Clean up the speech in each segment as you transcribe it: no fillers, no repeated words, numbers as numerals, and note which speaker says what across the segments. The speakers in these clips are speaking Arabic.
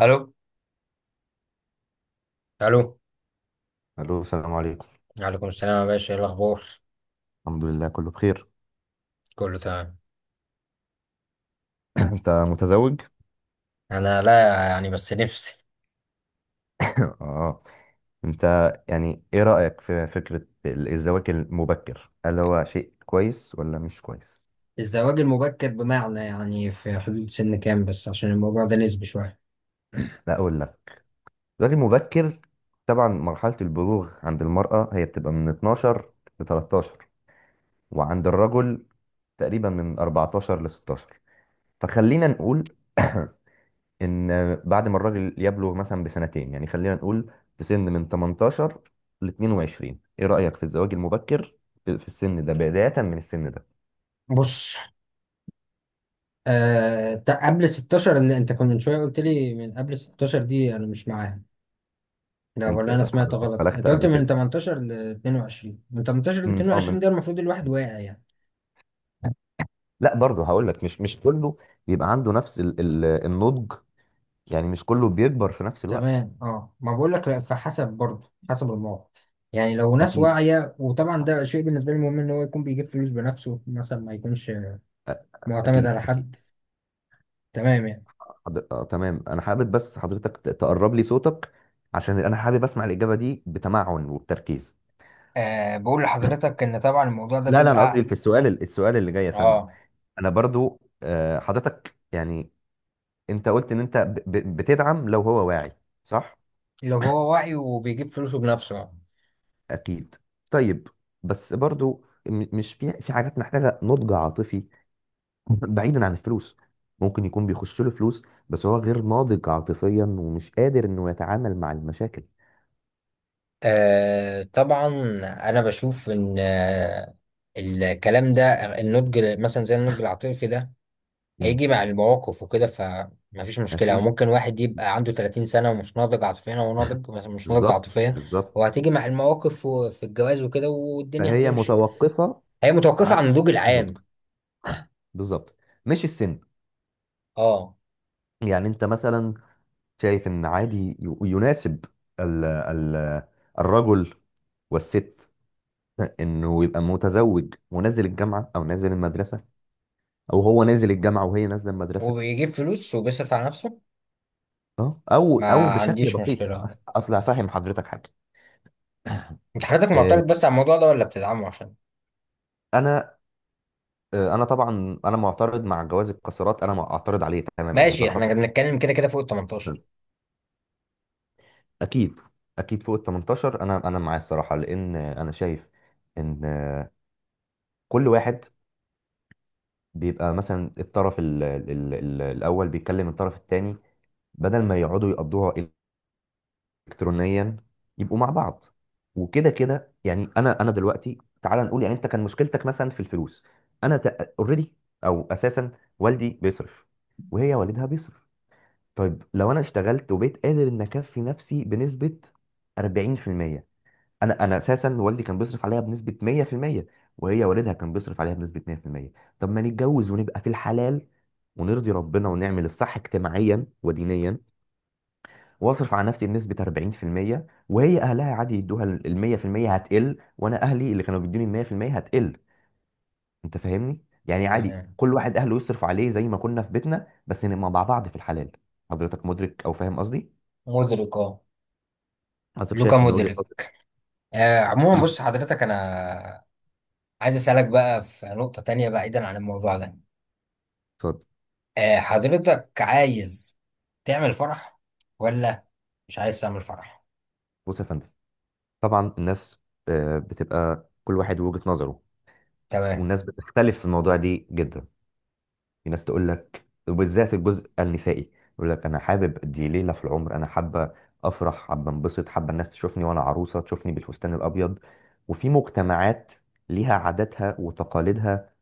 Speaker 1: الو الو.
Speaker 2: الو. السلام عليكم.
Speaker 1: وعليكم السلام يا باشا، ايه الاخبار؟
Speaker 2: الحمد لله كله بخير.
Speaker 1: كله تمام.
Speaker 2: انت متزوج؟
Speaker 1: انا لا، يعني بس نفسي.
Speaker 2: اه. انت يعني ايه رأيك في فكرة الزواج المبكر، هل هو شيء كويس ولا مش كويس؟
Speaker 1: الزواج المبكر بمعنى يعني في حدود سن كام؟ بس عشان الموضوع ده نسبي شويه.
Speaker 2: لا اقول لك، الزواج المبكر طبعا مرحلة البلوغ عند المرأة هي بتبقى من 12 ل 13، وعند الرجل تقريبا من 14 ل 16. فخلينا نقول ان بعد ما الراجل يبلغ مثلا بسنتين، يعني خلينا نقول في سن من 18 ل 22، ايه رأيك في الزواج المبكر في السن ده، بداية من السن ده؟
Speaker 1: بص، قبل 16 اللي انت كنت من شويه قلت لي، من قبل 16 دي انا مش معاها. لا، ولا
Speaker 2: انت
Speaker 1: انا سمعت
Speaker 2: حضرتك
Speaker 1: غلط؟
Speaker 2: بلغت
Speaker 1: انت قلت
Speaker 2: قبل
Speaker 1: من
Speaker 2: كده؟
Speaker 1: 18 ل 22، من 18 ل
Speaker 2: اه
Speaker 1: 22
Speaker 2: من...
Speaker 1: ده المفروض الواحد واعي يعني.
Speaker 2: لا برضه هقول لك، مش كله بيبقى عنده نفس ال ال النضج، يعني مش كله بيكبر في نفس الوقت.
Speaker 1: تمام اه. ما بقول لك لا، فحسب برضه حسب الموقف، يعني لو ناس
Speaker 2: اكيد.
Speaker 1: واعية. وطبعا ده شيء بالنسبة لي مهم ان هو يكون بيجيب فلوس بنفسه مثلا، ما يكونش
Speaker 2: أ-
Speaker 1: معتمد
Speaker 2: اكيد
Speaker 1: على
Speaker 2: اكيد.
Speaker 1: حد. تمام يعني.
Speaker 2: آه تمام، انا حابب بس حضرتك تقرب لي صوتك، عشان انا حابب اسمع الإجابة دي بتمعن وبتركيز.
Speaker 1: بقول لحضرتك ان طبعا الموضوع ده
Speaker 2: لا، انا قصدي
Speaker 1: بيبقى
Speaker 2: في السؤال، السؤال اللي جاي يا فندم.
Speaker 1: اه
Speaker 2: انا برضو حضرتك يعني انت قلت ان انت بتدعم لو هو واعي، صح؟
Speaker 1: لو هو واعي وبيجيب فلوسه بنفسه.
Speaker 2: اكيد. طيب، بس برضو مش في في حاجات محتاجه نضج عاطفي؟ بعيدا عن الفلوس، ممكن يكون بيخش له فلوس بس هو غير ناضج عاطفيا ومش قادر انه يتعامل مع المشاكل.
Speaker 1: طبعا انا بشوف ان الكلام ده، النضج مثلا زي النضج العاطفي ده
Speaker 2: امم.
Speaker 1: هيجي مع المواقف وكده، فمفيش مشكلة. أو
Speaker 2: اكيد.
Speaker 1: ممكن واحد يبقى عنده 30 سنة ومش ناضج عاطفيا، هو ناضج بس مش ناضج
Speaker 2: بالظبط
Speaker 1: عاطفيا.
Speaker 2: بالظبط.
Speaker 1: هو هتيجي مع المواقف وفي الجواز وكده والدنيا
Speaker 2: فهي
Speaker 1: هتمشي.
Speaker 2: متوقفه
Speaker 1: هي متوقفة
Speaker 2: على
Speaker 1: عن النضوج
Speaker 2: النضج،
Speaker 1: العام.
Speaker 2: بالظبط، مش السن.
Speaker 1: اه،
Speaker 2: يعني انت مثلا شايف ان عادي يناسب ال ال الرجل والست انه يبقى متزوج ونازل الجامعه او نازل المدرسه، او هو نازل الجامعه وهي نازله المدرسه؟
Speaker 1: وبيجيب فلوس وبيصرف على نفسه،
Speaker 2: اه او او
Speaker 1: ما
Speaker 2: بشكل
Speaker 1: عنديش
Speaker 2: بسيط.
Speaker 1: مشكلة.
Speaker 2: اصل هفهم حضرتك حاجه.
Speaker 1: انت حضرتك
Speaker 2: آه،
Speaker 1: معترض بس على الموضوع ده ولا بتدعمه عشان؟
Speaker 2: انا انا طبعا انا معترض مع جواز القاصرات، انا معترض عليه تماما، هذا
Speaker 1: ماشي، احنا
Speaker 2: خطأ.
Speaker 1: بنتكلم كده كده فوق ال 18.
Speaker 2: اكيد اكيد، فوق ال 18 انا انا معاه الصراحه، لان انا شايف ان كل واحد بيبقى مثلا الطرف ال ال ال ال الأول بيكلم الطرف التاني، بدل ما يقعدوا يقضوها إلكترونيا يبقوا مع بعض وكده. كده يعني أنا دلوقتي تعال نقول، يعني أنت كان مشكلتك مثلا في الفلوس، أنا أوريدي أو أساسا والدي بيصرف، وهي والدها بيصرف. طيب لو أنا اشتغلت وبقيت قادر إن أكفي نفسي بنسبة 40%، انا اساسا والدي كان بيصرف عليها بنسبه 100%، وهي والدها كان بيصرف عليها بنسبه 100%، طب ما نتجوز ونبقى في الحلال، ونرضي ربنا ونعمل الصح اجتماعيا ودينيا، واصرف على نفسي بنسبه 40%، وهي اهلها عادي يدوها ال 100% هتقل، وانا اهلي اللي كانوا بيدوني ال 100% هتقل. انت فاهمني؟ يعني عادي
Speaker 1: تمام،
Speaker 2: كل واحد اهله يصرف عليه زي ما كنا في بيتنا، بس نبقى مع بعض في الحلال. حضرتك مدرك او فاهم قصدي؟
Speaker 1: مدرك اه.
Speaker 2: حضرتك
Speaker 1: لوكا
Speaker 2: شايف ان وجهه
Speaker 1: مدرك.
Speaker 2: نظري؟
Speaker 1: عموما بص حضرتك، انا عايز اسألك بقى في نقطة تانية بعيدا عن الموضوع ده.
Speaker 2: اتفضل.
Speaker 1: حضرتك عايز تعمل فرح ولا مش عايز تعمل فرح؟
Speaker 2: بص يا فندم، طبعا الناس بتبقى كل واحد وجهة نظره،
Speaker 1: تمام.
Speaker 2: والناس بتختلف في الموضوع دي جدا. في ناس تقول لك، وبالذات الجزء النسائي، يقول لك انا حابب دي ليلة في العمر، انا حابة افرح، حابة انبسط، حابة الناس تشوفني وانا عروسة، تشوفني بالفستان الابيض. وفي مجتمعات ليها عاداتها وتقاليدها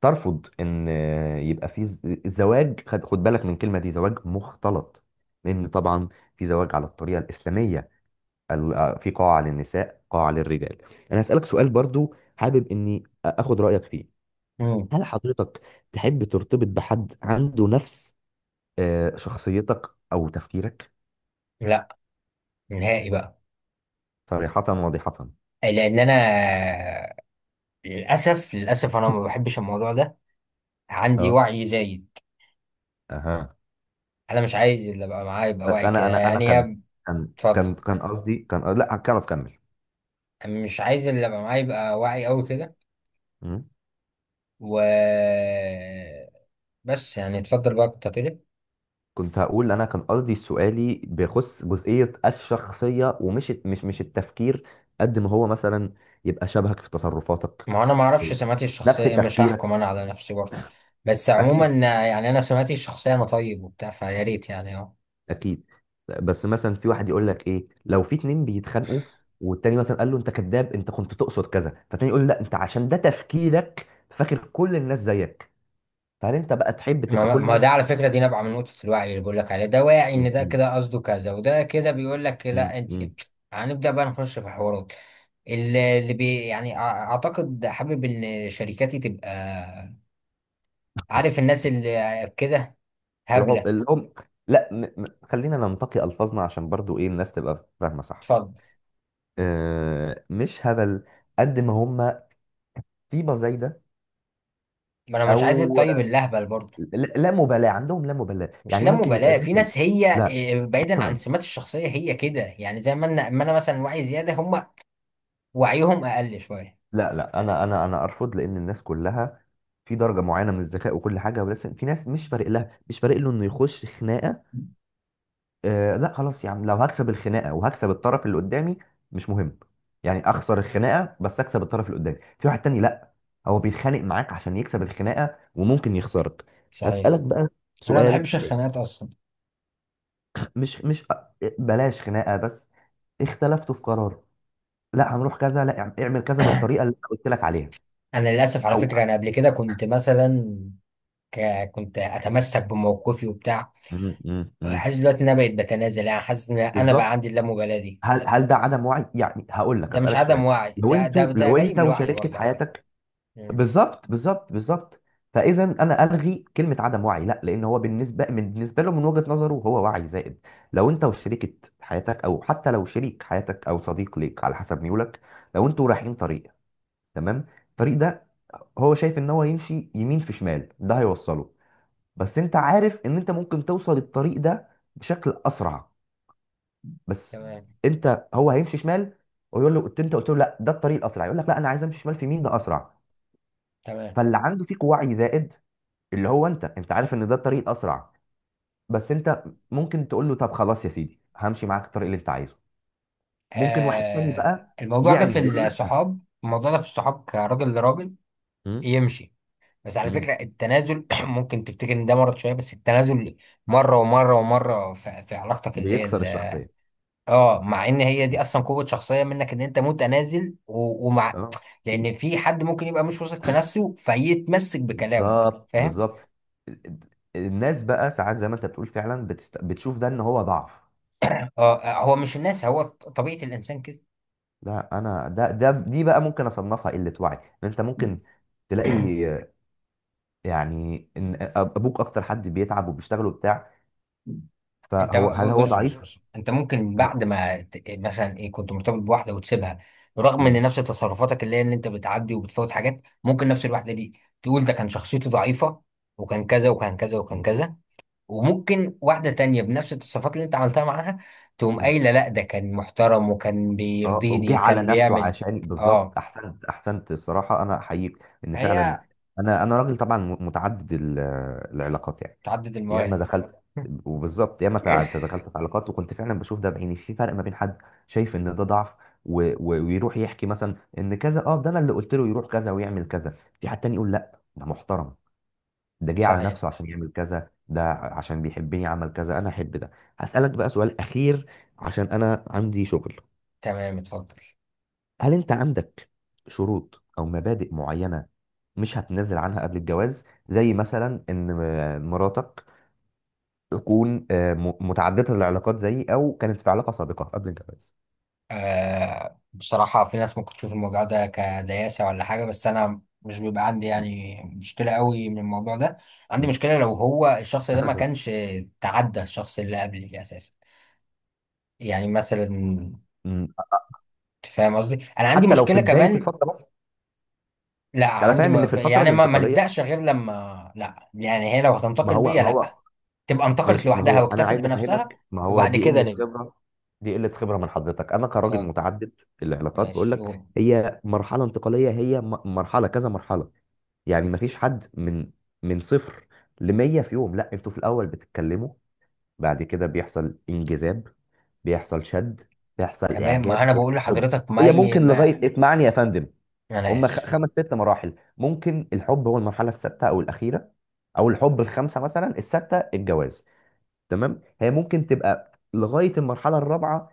Speaker 2: ترفض ان يبقى في زواج، خد خد بالك من الكلمة دي، زواج مختلط. لان طبعا في زواج على الطريقة الإسلامية، في قاعة للنساء، قاعة للرجال. انا هسألك سؤال برضو حابب اني اخد رأيك فيه.
Speaker 1: مم.
Speaker 2: هل حضرتك تحب ترتبط بحد عنده نفس شخصيتك او تفكيرك؟
Speaker 1: لا، نهائي بقى.
Speaker 2: صريحة واضحة.
Speaker 1: لان انا للاسف للاسف انا ما بحبش الموضوع ده، عندي
Speaker 2: اه.
Speaker 1: وعي زايد.
Speaker 2: اها.
Speaker 1: انا مش عايز اللي ابقى معايا يبقى
Speaker 2: بس
Speaker 1: وعي
Speaker 2: انا
Speaker 1: كده،
Speaker 2: انا
Speaker 1: يعني
Speaker 2: كان...
Speaker 1: يا... اتفضل.
Speaker 2: قصدي كان... لا كان اكمل.
Speaker 1: أنا مش عايز اللي ابقى معايا يبقى وعي قوي كده.
Speaker 2: مم.
Speaker 1: و بس يعني، اتفضل بقى، كنت هتقول إيه؟
Speaker 2: كنت هقول انا كان قصدي سؤالي بيخص جزئية الشخصية ومش مش مش التفكير. قد ما هو مثلا يبقى شبهك في تصرفاتك،
Speaker 1: ما انا ما اعرفش سماتي
Speaker 2: نفس
Speaker 1: الشخصيه، مش هحكم
Speaker 2: تفكيرك.
Speaker 1: انا على نفسي برضه. بس عموما،
Speaker 2: اكيد
Speaker 1: يعني انا سماتي الشخصيه، انا طيب وبتاع، فيا ريت يعني اه.
Speaker 2: اكيد. بس مثلا في واحد يقول لك ايه لو في اتنين بيتخانقوا، والتاني مثلا قال له انت كذاب، انت كنت تقصد كذا، فالتاني يقول لا انت عشان ده تفكيرك فاكر كل الناس زيك. فهل انت بقى تحب تبقى
Speaker 1: ما
Speaker 2: كل
Speaker 1: ما
Speaker 2: الناس...
Speaker 1: ده على فكره دي نابعه من نقطه الوعي اللي بقول لك عليه. ده واعي ان
Speaker 2: مم،
Speaker 1: ده
Speaker 2: مم،
Speaker 1: كده قصده كذا، وده كده بيقول لك
Speaker 2: مم،
Speaker 1: لا انت كده.
Speaker 2: مم.
Speaker 1: هنبدا بقى نخش في حوارات اللي بي يعني اعتقد. حابب ان شركاتي تبقى، عارف الناس اللي كده، هبله.
Speaker 2: العم... لا خلينا ننتقي الفاظنا عشان برضو ايه الناس تبقى فاهمه صح.
Speaker 1: اتفضل.
Speaker 2: مش هبل، قد ما هم طيبه زايده،
Speaker 1: ما انا مش عايز
Speaker 2: او
Speaker 1: الطيب اللهبل برضه.
Speaker 2: لا لا مبالاه عندهم، لا مبالاه،
Speaker 1: مش
Speaker 2: يعني
Speaker 1: لا
Speaker 2: ممكن يبقى
Speaker 1: مبالاة، في
Speaker 2: داخل...
Speaker 1: ناس هي
Speaker 2: لا
Speaker 1: بعيدا عن سمات الشخصية هي كده، يعني زي ما انا مثلا وعي زيادة، هم وعيهم اقل شوية.
Speaker 2: لا، لا انا انا ارفض، لان الناس كلها في درجه معينه من الذكاء وكل حاجه، بس في ناس مش فارق لها، مش فارق له انه يخش خناقه. آه لا خلاص يا عم، لو هكسب الخناقه وهكسب الطرف اللي قدامي مش مهم، يعني اخسر الخناقه بس اكسب الطرف اللي قدامي. في واحد تاني لا، هو بيتخانق معاك عشان يكسب الخناقه وممكن يخسرك.
Speaker 1: صحيح.
Speaker 2: هسألك بقى
Speaker 1: انا ما بحبش
Speaker 2: سؤال تاني.
Speaker 1: الخناقات اصلا.
Speaker 2: مش مش بلاش خناقه، بس اختلفتوا في قرار. لا هنروح كذا، لا اعمل كذا بالطريقه اللي انا قلت لك عليها،
Speaker 1: انا للاسف على
Speaker 2: او
Speaker 1: فكرة انا قبل كده كنت مثلا كنت اتمسك بموقفي وبتاع.
Speaker 2: م- م- م.
Speaker 1: حاسس دلوقتي ان انا بقيت بتنازل، يعني حاسس ان انا بقى
Speaker 2: بالظبط.
Speaker 1: عندي اللامبالاة دي.
Speaker 2: هل هل ده عدم وعي؟ يعني هقول لك
Speaker 1: ده مش
Speaker 2: اسالك سؤال.
Speaker 1: عدم وعي،
Speaker 2: لو
Speaker 1: ده ده
Speaker 2: انتوا،
Speaker 1: ده
Speaker 2: لو
Speaker 1: جاي
Speaker 2: انت
Speaker 1: من الوعي
Speaker 2: وشريكه
Speaker 1: برضه على فكرة.
Speaker 2: حياتك...
Speaker 1: مم.
Speaker 2: بالظبط بالظبط بالظبط. فاذا انا الغي كلمه عدم وعي، لا، لان هو بالنسبه، من بالنسبه له من وجهه نظره هو وعي زائد. لو انت وشريكه حياتك، او حتى لو شريك حياتك او صديق ليك على حسب ميولك، لو انتوا رايحين طريق، تمام، الطريق ده هو شايف ان هو يمشي يمين في شمال ده هيوصله، بس انت عارف ان انت ممكن توصل الطريق ده بشكل اسرع، بس
Speaker 1: تمام
Speaker 2: انت هو هيمشي شمال، ويقول له، قلت، انت قلت له لا ده الطريق الاسرع، يقول لك لا انا عايز امشي شمال في مين ده اسرع.
Speaker 1: تمام.
Speaker 2: فاللي عنده فيك وعي زائد، اللي هو انت، انت عارف ان ده الطريق الاسرع، بس انت ممكن تقول له طب خلاص يا سيدي همشي معاك الطريق اللي انت عايزه. ممكن واحد تاني بقى
Speaker 1: الموضوع ده في
Speaker 2: يعند يقول له لا.
Speaker 1: الصحاب، الموضوع ده في الصحاب كراجل لراجل
Speaker 2: مم.
Speaker 1: يمشي. بس على
Speaker 2: مم.
Speaker 1: فكرة التنازل ممكن تفتكر ان ده مرض شوية، بس التنازل مرة ومرة ومرة في علاقتك اللي هي
Speaker 2: بيكسر الشخصيه.
Speaker 1: اه، مع ان هي دي
Speaker 2: مم.
Speaker 1: اصلا قوة شخصية منك ان انت متنازل ومع
Speaker 2: اه.
Speaker 1: لان
Speaker 2: في.
Speaker 1: في حد ممكن يبقى مش واثق في نفسه فيتمسك بكلامه.
Speaker 2: بالظبط
Speaker 1: فاهم
Speaker 2: بالظبط. الناس بقى ساعات زي ما انت بتقول فعلا بتشوف ده ان هو ضعف.
Speaker 1: اه. هو مش الناس، هو طبيعة الانسان كده.
Speaker 2: لا انا ده ده دي بقى ممكن اصنفها قله وعي، ان انت ممكن تلاقي، يعني ان ابوك اكتر حد بيتعب وبيشتغل وبتاع،
Speaker 1: انت
Speaker 2: فهو هل هو
Speaker 1: بص
Speaker 2: ضعيف؟
Speaker 1: بص بص، انت ممكن بعد ما مثلا ايه، كنت مرتبط بواحده وتسيبها، رغم ان
Speaker 2: مم.
Speaker 1: نفس تصرفاتك اللي هي ان انت بتعدي وبتفوت حاجات، ممكن نفس الواحده دي تقول ده كان شخصيته ضعيفه، وكان كذا وكان كذا وكان
Speaker 2: مم.
Speaker 1: كذا. وممكن واحده تانية بنفس التصرفات اللي انت عملتها معاها تقوم قايله لا، ده كان محترم وكان
Speaker 2: اه جه
Speaker 1: بيرضيني،
Speaker 2: على
Speaker 1: كان
Speaker 2: نفسه
Speaker 1: بيعمل
Speaker 2: عشان بالظبط،
Speaker 1: اه.
Speaker 2: احسنت احسنت الصراحه، انا احييك ان فعلا.
Speaker 1: هي
Speaker 2: انا راجل طبعا متعدد العلاقات يعني.
Speaker 1: تعدد
Speaker 2: ياما
Speaker 1: المواهب
Speaker 2: دخلت، وبالظبط ياما دخلت في علاقات، وكنت فعلا بشوف ده بعيني، في فرق ما بين حد شايف ان ده ضعف ويروح يحكي مثلا ان كذا، اه ده انا اللي قلت له يروح كذا ويعمل كذا، في حد تاني يقول لا ده محترم، ده جه على
Speaker 1: صحيح.
Speaker 2: نفسه عشان يعمل كذا، ده عشان بيحبني عمل كذا، انا احب ده. هسألك بقى سؤال اخير عشان انا عندي شغل.
Speaker 1: تمام، اتفضل.
Speaker 2: هل انت عندك شروط او مبادئ معينة مش هتنزل عنها قبل الجواز؟ زي مثلا ان مراتك تكون متعددة العلاقات زيي، أو كانت في علاقة سابقة قبل الجواز.
Speaker 1: بصراحة، في ناس ممكن تشوف الموضوع ده كدياسة ولا حاجة، بس أنا مش بيبقى عندي
Speaker 2: م-
Speaker 1: يعني مشكلة قوي من الموضوع ده. عندي
Speaker 2: م-
Speaker 1: مشكلة لو هو الشخص ده ما كانش تعدى الشخص اللي قبلي أساسا. يعني مثلا أنت
Speaker 2: م-
Speaker 1: فاهم قصدي، أنا عندي
Speaker 2: حتى لو في
Speaker 1: مشكلة
Speaker 2: بداية
Speaker 1: كمان.
Speaker 2: الفترة بس؟
Speaker 1: لا،
Speaker 2: أنا
Speaker 1: عندي
Speaker 2: فاهم إن في الفترة
Speaker 1: يعني ما
Speaker 2: الانتقالية،
Speaker 1: نبدأش غير لما، لا يعني، هي لو
Speaker 2: ما
Speaker 1: هتنتقل
Speaker 2: هو
Speaker 1: بيا
Speaker 2: ما هو
Speaker 1: لا، تبقى انتقلت
Speaker 2: ماشي، ما
Speaker 1: لوحدها
Speaker 2: هو أنا
Speaker 1: واكتفت
Speaker 2: عايز
Speaker 1: بنفسها
Speaker 2: أفهمك، ما هو
Speaker 1: وبعد
Speaker 2: دي
Speaker 1: كده
Speaker 2: قلة
Speaker 1: نبدأ.
Speaker 2: خبرة، دي قلة خبرة من حضرتك. أنا كراجل
Speaker 1: اتفضل.
Speaker 2: متعدد العلاقات بقول
Speaker 1: ماشي
Speaker 2: لك،
Speaker 1: أوه.
Speaker 2: هي مرحلة انتقالية، هي مرحلة كذا، مرحلة يعني ما فيش حد من من صفر ل 100 في يوم، لا انتوا في الأول بتتكلموا، بعد كده بيحصل انجذاب، بيحصل شد، بيحصل
Speaker 1: تمام، ما
Speaker 2: اعجاب،
Speaker 1: أنا
Speaker 2: بيحصل
Speaker 1: بقول
Speaker 2: حب.
Speaker 1: لحضرتك ما,
Speaker 2: هي
Speaker 1: ي...
Speaker 2: ممكن
Speaker 1: ما...
Speaker 2: لغايه... اسمعني يا فندم.
Speaker 1: أنا
Speaker 2: هم
Speaker 1: آسف.
Speaker 2: خمس ست مراحل، ممكن الحب هو المرحله السادسه او الاخيره، او الحب الخامسه مثلا، السادسه الجواز، تمام؟ هي ممكن تبقى لغايه المرحله الرابعه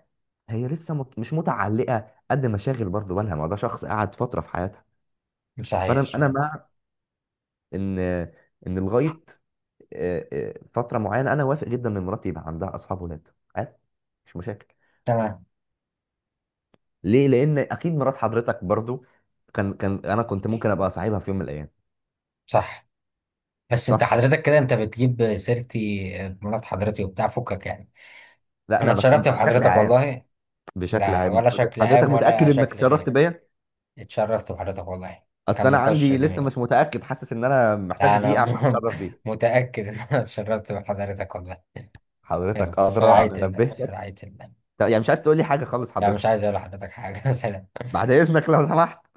Speaker 2: هي لسه مش متعلقه قد مشاغل، برضه بالها ما ده شخص قعد فتره في حياتها.
Speaker 1: صحيح
Speaker 2: فانا انا
Speaker 1: صحيح.
Speaker 2: مع ان، ان لغايه فتره معينه، انا وافق جدا ان مراتي يبقى عندها اصحاب ولاد، عادي، مش مشاكل.
Speaker 1: تمام.
Speaker 2: ليه؟ لان اكيد مرات حضرتك برضو كان كان انا كنت ممكن ابقى صاحبها في يوم من الايام.
Speaker 1: صح. بس انت
Speaker 2: صح.
Speaker 1: حضرتك كده، انت بتجيب سيرتي، مرات حضرتي وبتاع، فكك يعني.
Speaker 2: لا
Speaker 1: انا
Speaker 2: انا
Speaker 1: اتشرفت
Speaker 2: بشكل
Speaker 1: بحضرتك
Speaker 2: عام.
Speaker 1: والله.
Speaker 2: بشكل
Speaker 1: لا،
Speaker 2: عام.
Speaker 1: ولا شكل
Speaker 2: حضرتك
Speaker 1: عام ولا
Speaker 2: متاكد انك
Speaker 1: شكل
Speaker 2: اتشرفت
Speaker 1: غيري.
Speaker 2: بيا؟
Speaker 1: اتشرفت بحضرتك والله.
Speaker 2: اصل
Speaker 1: كان
Speaker 2: انا
Speaker 1: نقاش
Speaker 2: عندي لسه
Speaker 1: جميل.
Speaker 2: مش متاكد، حاسس ان انا
Speaker 1: لا
Speaker 2: محتاج
Speaker 1: انا
Speaker 2: دقيقه عشان اتشرف بيك.
Speaker 1: متأكد ان انا اتشرفت بحضرتك والله.
Speaker 2: حضرتك
Speaker 1: يلا، في
Speaker 2: ادرى،
Speaker 1: رعاية
Speaker 2: انا
Speaker 1: الله. في
Speaker 2: نبهتك.
Speaker 1: رعاية الله.
Speaker 2: يعني مش عايز تقول لي حاجه خالص
Speaker 1: لا، مش
Speaker 2: حضرتك؟
Speaker 1: عايز اقول لحضرتك حاجة سلام.
Speaker 2: بعد اذنك لو سمحت.